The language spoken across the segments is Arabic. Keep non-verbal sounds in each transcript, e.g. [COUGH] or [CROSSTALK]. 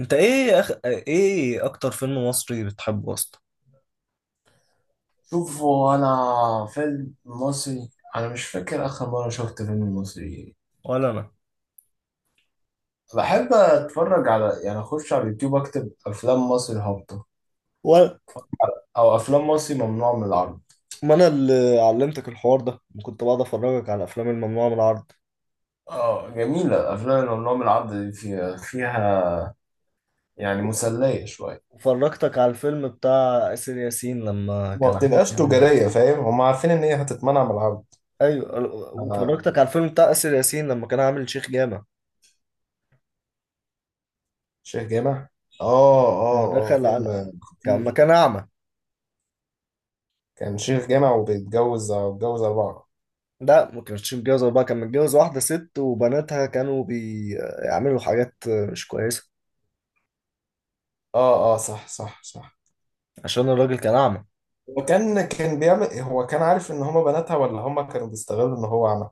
انت ايه، ايه اكتر فيلم مصري بتحبه اصلا؟ شوفوا انا فيلم مصري. انا مش فاكر اخر مره شفت فيلم مصري. ولا انا. بحب اتفرج على، اخش على اليوتيوب اكتب افلام مصري هابطه و... او افلام مصري ممنوع من العرض. ما انا اللي علمتك الحوار ده، كنت بقعد افرجك على الافلام الممنوعه من العرض، اه، جميله الافلام اللي ممنوع من العرض دي، فيها يعني مسليه شويه وفرجتك على الفيلم بتاع اسر ياسين لما وما كان عامل بتبقاش [LAUGHS] تجارية، فاهم؟ هم عارفين ان هي هتتمنع من العرض. ايوه. على وفرجتك على الفيلم بتاع اسر ياسين لما كان عامل شيخ جامع، شيخ جامع. اه لما اه. اه دخل على، فيلم كان لما خطير. كان اعمى. كان شيخ جامع وبيتجوز، أربعة. لا، ما كانش متجوز اربعه، كان متجوز واحده ست، وبناتها كانوا بيعملوا حاجات مش كويسه، اه اه، صح صح صح. عشان الراجل كان اعمى. هو كان بيعمل، هو كان عارف ان هما بناتها، ولا هما كانوا بيستغلوا ان هو عمل.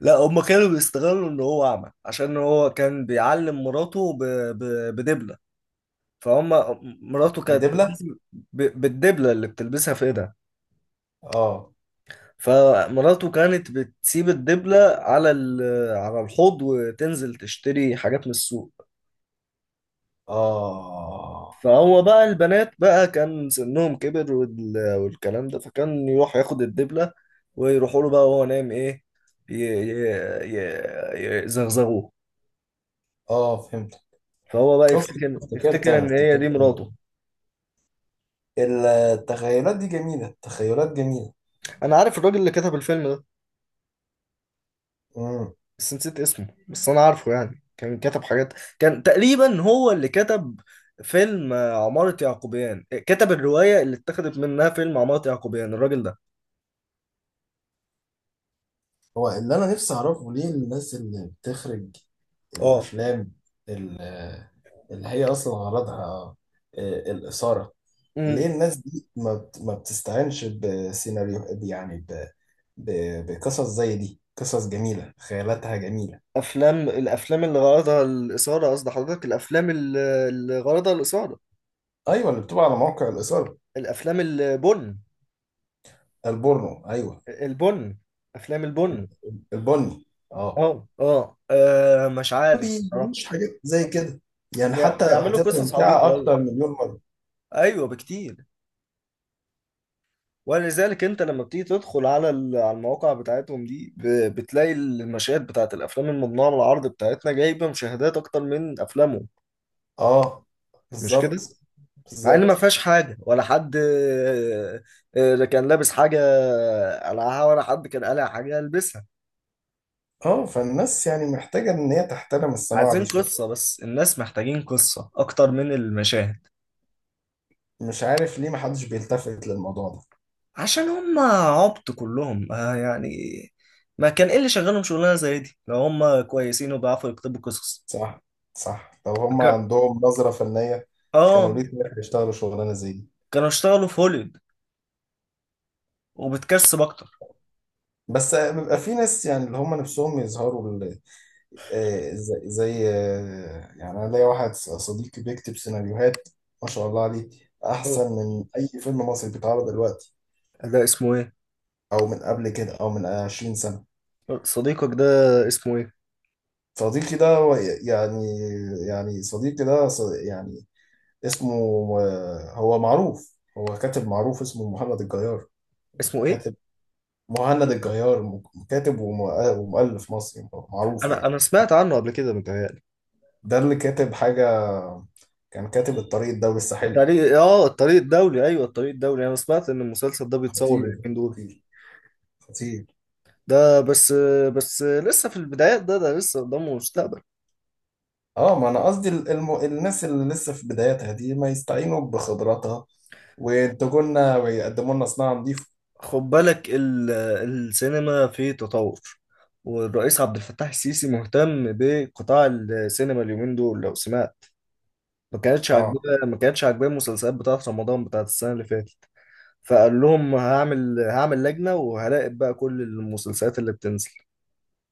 لا، هما كانوا بيستغلوا ان هو اعمى، عشان هو كان بيعلم مراته ب... بدبله. فهم. مراته كانت بدبلة. بتلبس بالدبله اللي بتلبسها في ايدها. اه فمراته كانت بتسيب الدبله على الحوض وتنزل تشتري حاجات من السوق. اه. فهو بقى، البنات بقى كان سنهم كبر والكلام ده، فكان يروح ياخد الدبله ويروحوا له بقى وهو نايم، ايه، ي... ي... يزغزغوه. اه فهمت. فهو بقى شفت. يفتكر يفتكر ان هي دي افتكرت أنا. مراته. التخيلات دي جميلة، التخيلات جميلة. انا عارف الراجل اللي كتب الفيلم ده، مم. بس نسيت اسمه، بس انا عارفه، يعني كان كتب حاجات. كان تقريبا هو اللي كتب فيلم، عمارة يعقوبيان، كتب الرواية اللي اتخذت منها فيلم عمارة يعقوبيان الراجل ده. هو اللي انا نفسي اعرفه، ليه الناس اللي بتخرج اه. الافلام ال- اللي هي اصلا غرضها الاثاره، امم ليه الناس دي ما بتستعينش بسيناريو، بقصص زي دي؟ قصص جميله، خيالاتها جميله. الافلام اللي غرضها الاثارة، قصد حضرتك الافلام اللي غرضها الاثارة. ايوه اللي بتبقى على موقع الاثاره. الافلام البن. البورنو ايوه. البن. افلام البن. البني اه. اه، اه، مش ما عارف بصراحة. بيجيبوش حاجات زي كده، يعني حتى بيعملوا هتبقى قصص ممتعه عبيطة أوي. اكتر مليون مره. أيوة، بكتير. ولذلك انت لما بتيجي تدخل على المواقع بتاعتهم دي، بتلاقي المشاهد بتاعت الافلام الممنوعه من العرض بتاعتنا جايبه مشاهدات اكتر من افلامهم، اه، مش بالظبط. كده؟ مع ان ما بالظبط. فيهاش حاجه، ولا حد كان لابس حاجه قلعها، ولا حد كان قلع حاجه يلبسها. اه، فالناس يعني محتاجة ان هي تحترم الصناعة دي عايزين شوية. قصه، بس الناس محتاجين قصه اكتر من المشاهد. مش عارف ليه محدش بيلتفت للموضوع ده. عشان هم عبط كلهم، يعني. ما كان ايه اللي شغالهم شغلانه زي دي، لو هم كويسين وبيعرفوا يكتبوا قصص؟ صح. صح، لو هم ك- عندهم نظرة فنية، كانوا اه، ليه طلع يشتغلوا شغلانة زي دي؟ كانوا اشتغلوا في هوليوود وبتكسب اكتر. بس بيبقى في ناس يعني اللي هم نفسهم يظهروا زي زي، يعني انا ليا واحد صديقي بيكتب سيناريوهات، ما شاء الله عليه، احسن أوه. من اي فيلم مصري بيتعرض دلوقتي ده اسمه ايه؟ او من قبل كده او من 20 سنة. صديقك ده اسمه ايه؟ صديقي ده هو يعني يعني صديقي ده ص- يعني اسمه، هو معروف، هو كاتب معروف، اسمه مهند الجيار. اسمه ايه؟ كاتب. مهند الجيار، كاتب وم- ومؤلف مصري معروف انا يعني. انا سمعت عنه قبل كده متهيألي. ده اللي كاتب حاجة، كان كاتب الطريق الدولي الساحلي. الطريق، اه، الطريق الدولي، ايوه الطريق الدولي، انا سمعت ان المسلسل ده بيتصور خطير اليومين دول. خطير خطير. ده بس لسه في البدايات، ده لسه قدامه مستقبل. اه ما انا قصدي، الناس اللي لسه في بداياتها دي ما يستعينوا بخبراتها وينتجوا لنا ويقدموا لنا صناعة نظيفة. خد بالك، السينما في تطور، والرئيس عبد الفتاح السيسي مهتم بقطاع السينما اليومين دول، لو سمعت. ما كانتش اه عاجباه، ما كانتش عاجباه المسلسلات بتاعت رمضان بتاعت السنة اللي فاتت. فقال لهم، هعمل لجنة وهراقب بقى كل المسلسلات اللي بتنزل،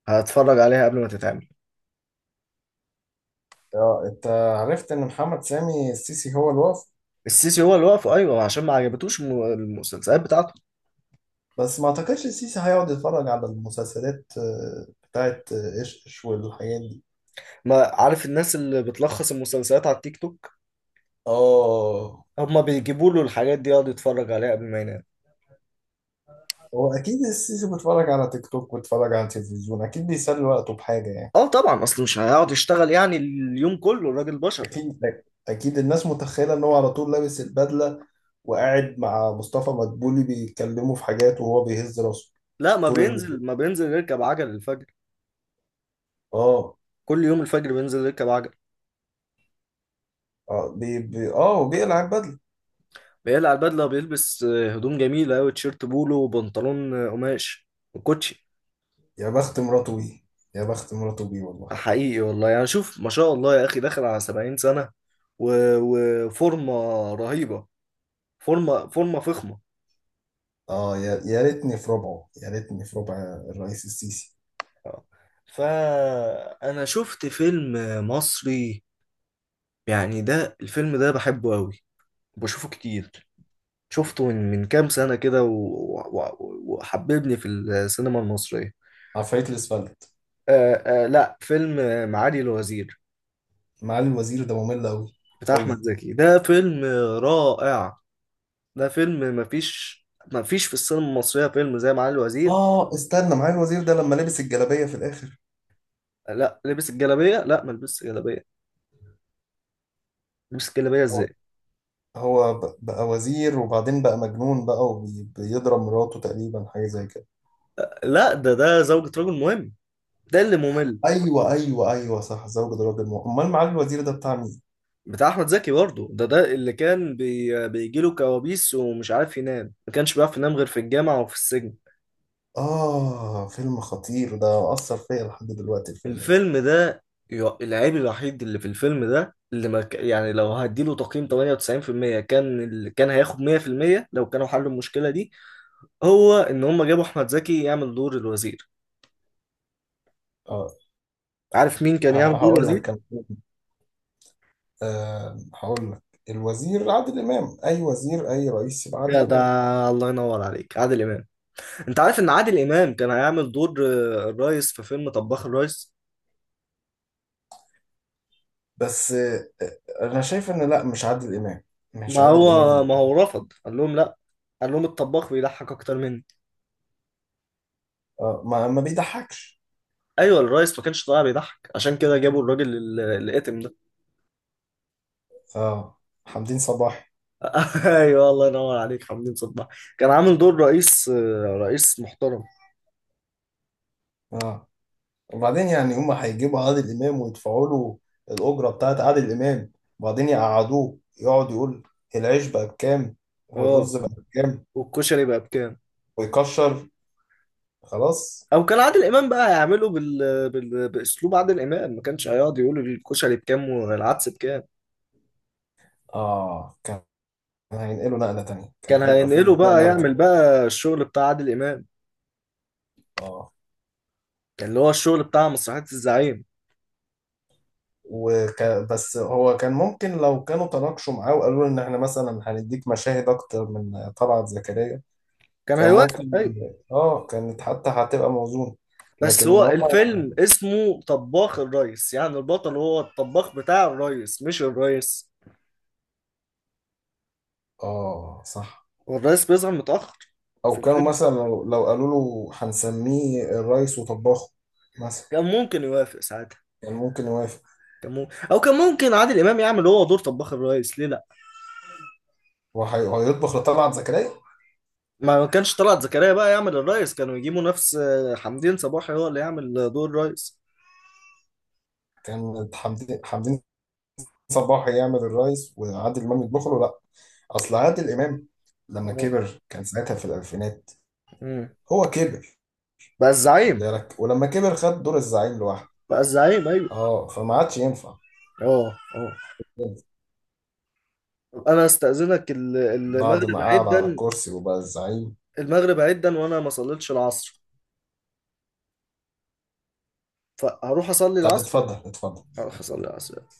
هتفرج عليها قبل ما تتعمل. اه. انت عرفت ان محمد سامي السيسي هو الوفد؟ السيسي هو اللي وقفه، ايوه، عشان ما عجبتوش المسلسلات بتاعته. بس ما اعتقدش السيسي هيقعد يتفرج على المسلسلات بتاعت ايش ايش والحاجات دي. ما عارف، الناس اللي بتلخص المسلسلات على التيك توك اه، هما بيجيبوا له الحاجات دي يقعد يتفرج عليها قبل ما ينام. هو اكيد السيسي بيتفرج على تيك توك وبيتفرج على التلفزيون، اكيد بيسلي وقته بحاجه يعني. اه طبعا، اصل مش هيقعد يشتغل يعني اليوم كله، الراجل بشر. اكيد. اكيد الناس متخيله ان هو على طول لابس البدله وقاعد مع مصطفى مدبولي بيتكلموا في حاجات وهو بيهز راسه لا، ما طول اليوم. بينزل ما بينزل يركب عجل الفجر، اه كل يوم الفجر بينزل يركب عجل. اه، بي بي اه وبيقلع البدله. بيقلع البدله وبيلبس هدوم جميله قوي، تيشيرت بولو وبنطلون قماش وكوتشي. يا بخت مراته بيه. يا بخت مراته بيه والله. حقيقي والله، يعني شوف ما شاء الله يا اخي، داخل على 70 سنة، و- وفورمة رهيبة، فورمة فورمة فخمة. اه، يا ريتني في ربعه، يا ريتني في ربع الرئيس السيسي. آه. فانا شفت فيلم مصري، يعني ده الفيلم ده بحبه قوي، بشوفه كتير، شفته من كام سنة كده، وحببني في السينما المصرية. عفاريت الاسفلت. آه، آه، لا، فيلم معالي الوزير، معالي الوزير ده ممل قوي. بتاع احمد قوي. زكي، ده فيلم رائع. ده فيلم، مفيش، مفيش في السينما المصرية فيلم زي معالي الوزير. اه استنى، معالي الوزير ده لما لبس الجلابية في الاخر. لا، لبس الجلابيه، لا ما لبسش جلابيه. لبس الجلابيه هو، ازاي؟ هو بقى وزير وبعدين بقى مجنون بقى وبيضرب مراته تقريبا، حاجة زي كده. لا، ده زوجة رجل مهم، ده اللي ممل. ايوه ايوه ايوه صح، زوجة راجل مؤمن. امال معالي الوزير ده بتاع مين؟ بتاع احمد زكي برضه، ده اللي كان بيجي له كوابيس، ومش عارف ينام، ما كانش بيعرف ينام غير في الجامعه وفي السجن. اه، فيلم خطير ده، اثر فيا لحد دلوقتي الفيلم ده. الفيلم ده، العيب الوحيد اللي في الفيلم ده، اللي ما ك... يعني لو هديله تقييم 98%، كان كان هياخد 100% لو كانوا حلوا المشكله دي، هو ان هم جابوا احمد زكي يعمل دور الوزير. اه عارف مين كان يعمل دور هقول لك، الوزير؟ كان آه هقول لك الوزير عادل امام. اي وزير، اي رئيس، يبقى يا عادل ده، امام. الله ينور عليك، عادل امام. انت عارف ان عادل امام كان هيعمل دور الريس في فيلم طباخ الريس؟ بس آه، انا شايف ان لا، مش عادل امام. مش ما عادل هو امام. ما هو رفض، قال لهم لا، قال لهم الطباخ بيضحك اكتر مني. اه ما، ما بيضحكش. ايوه، الريس ما كانش طالع بيضحك، عشان كده جابوا الراجل الاتم ده. اه، حمدين صباحي. [LAUGHS] ايوه، الله ينور عليك حمدين صباح، كان عامل دور رئيس، رئيس محترم. اه وبعدين، يعني هما هيجيبوا عادل امام ويدفعوا له الاجره بتاعت عادل امام، وبعدين يقعدوه يقعد يقول العيش بقى بكام والرز اه. بقى بكام والكشري بقى بكام؟ ويكشر. خلاص. او كان عادل امام بقى هيعمله باسلوب عادل امام، ما كانش هيقعد يقول الكشري بكام والعدس بكام. اه، كان هينقلوا نقله تانية، كان كان هيبقى فيلم هينقله اتنقل بقى، نقله يعمل تانية. بقى الشغل بتاع عادل امام، اه اللي هو الشغل بتاع مسرحية الزعيم. بس هو كان ممكن لو كانوا تناقشوا معاه وقالوا له ان احنا مثلا هنديك مشاهد اكتر من طلعت زكريا. كان كان هيوافق، ممكن. ايوه. اه كانت حتى هتبقى موزون. بس لكن ان هو هم، الفيلم اسمه طباخ الريس، يعني البطل هو الطباخ بتاع الريس مش الريس، اه صح. والريس بيظهر متأخر في او كانوا الفيلم. مثلا لو قالوا له هنسميه الريس وطباخه مثلا، كان ممكن يوافق ساعتها. كان ممكن يوافق. كان ممكن. او كان ممكن عادل امام يعمل هو دور طباخ الريس، ليه لا؟ وهيطبخ لطلعت زكريا. ما كانش طلعت زكريا بقى يعمل الريس، كانوا يجيبوا نفس، حمدين صباحي هو اللي يعمل دور الريس. كان حمدين صباح يعمل الريس وعادل امام يطبخ له، لا. اصل عادل امام لما اه. كبر كان ساعتها في الالفينات. أمم. هو كبر. بقى خد الزعيم. بالك، ولما كبر خد دور الزعيم لوحده. بقى الزعيم، ايوه. اه، فما عادش ينفع. اه. اه. طب انا استأذنك، بعد المغرب ما عيد قعد على ده، الكرسي وبقى الزعيم. المغرب عدا وانا ما صليتش العصر، فهروح اصلي طب العصر. اتفضل، اتفضل، هروح اصلي اتفضل. العصر.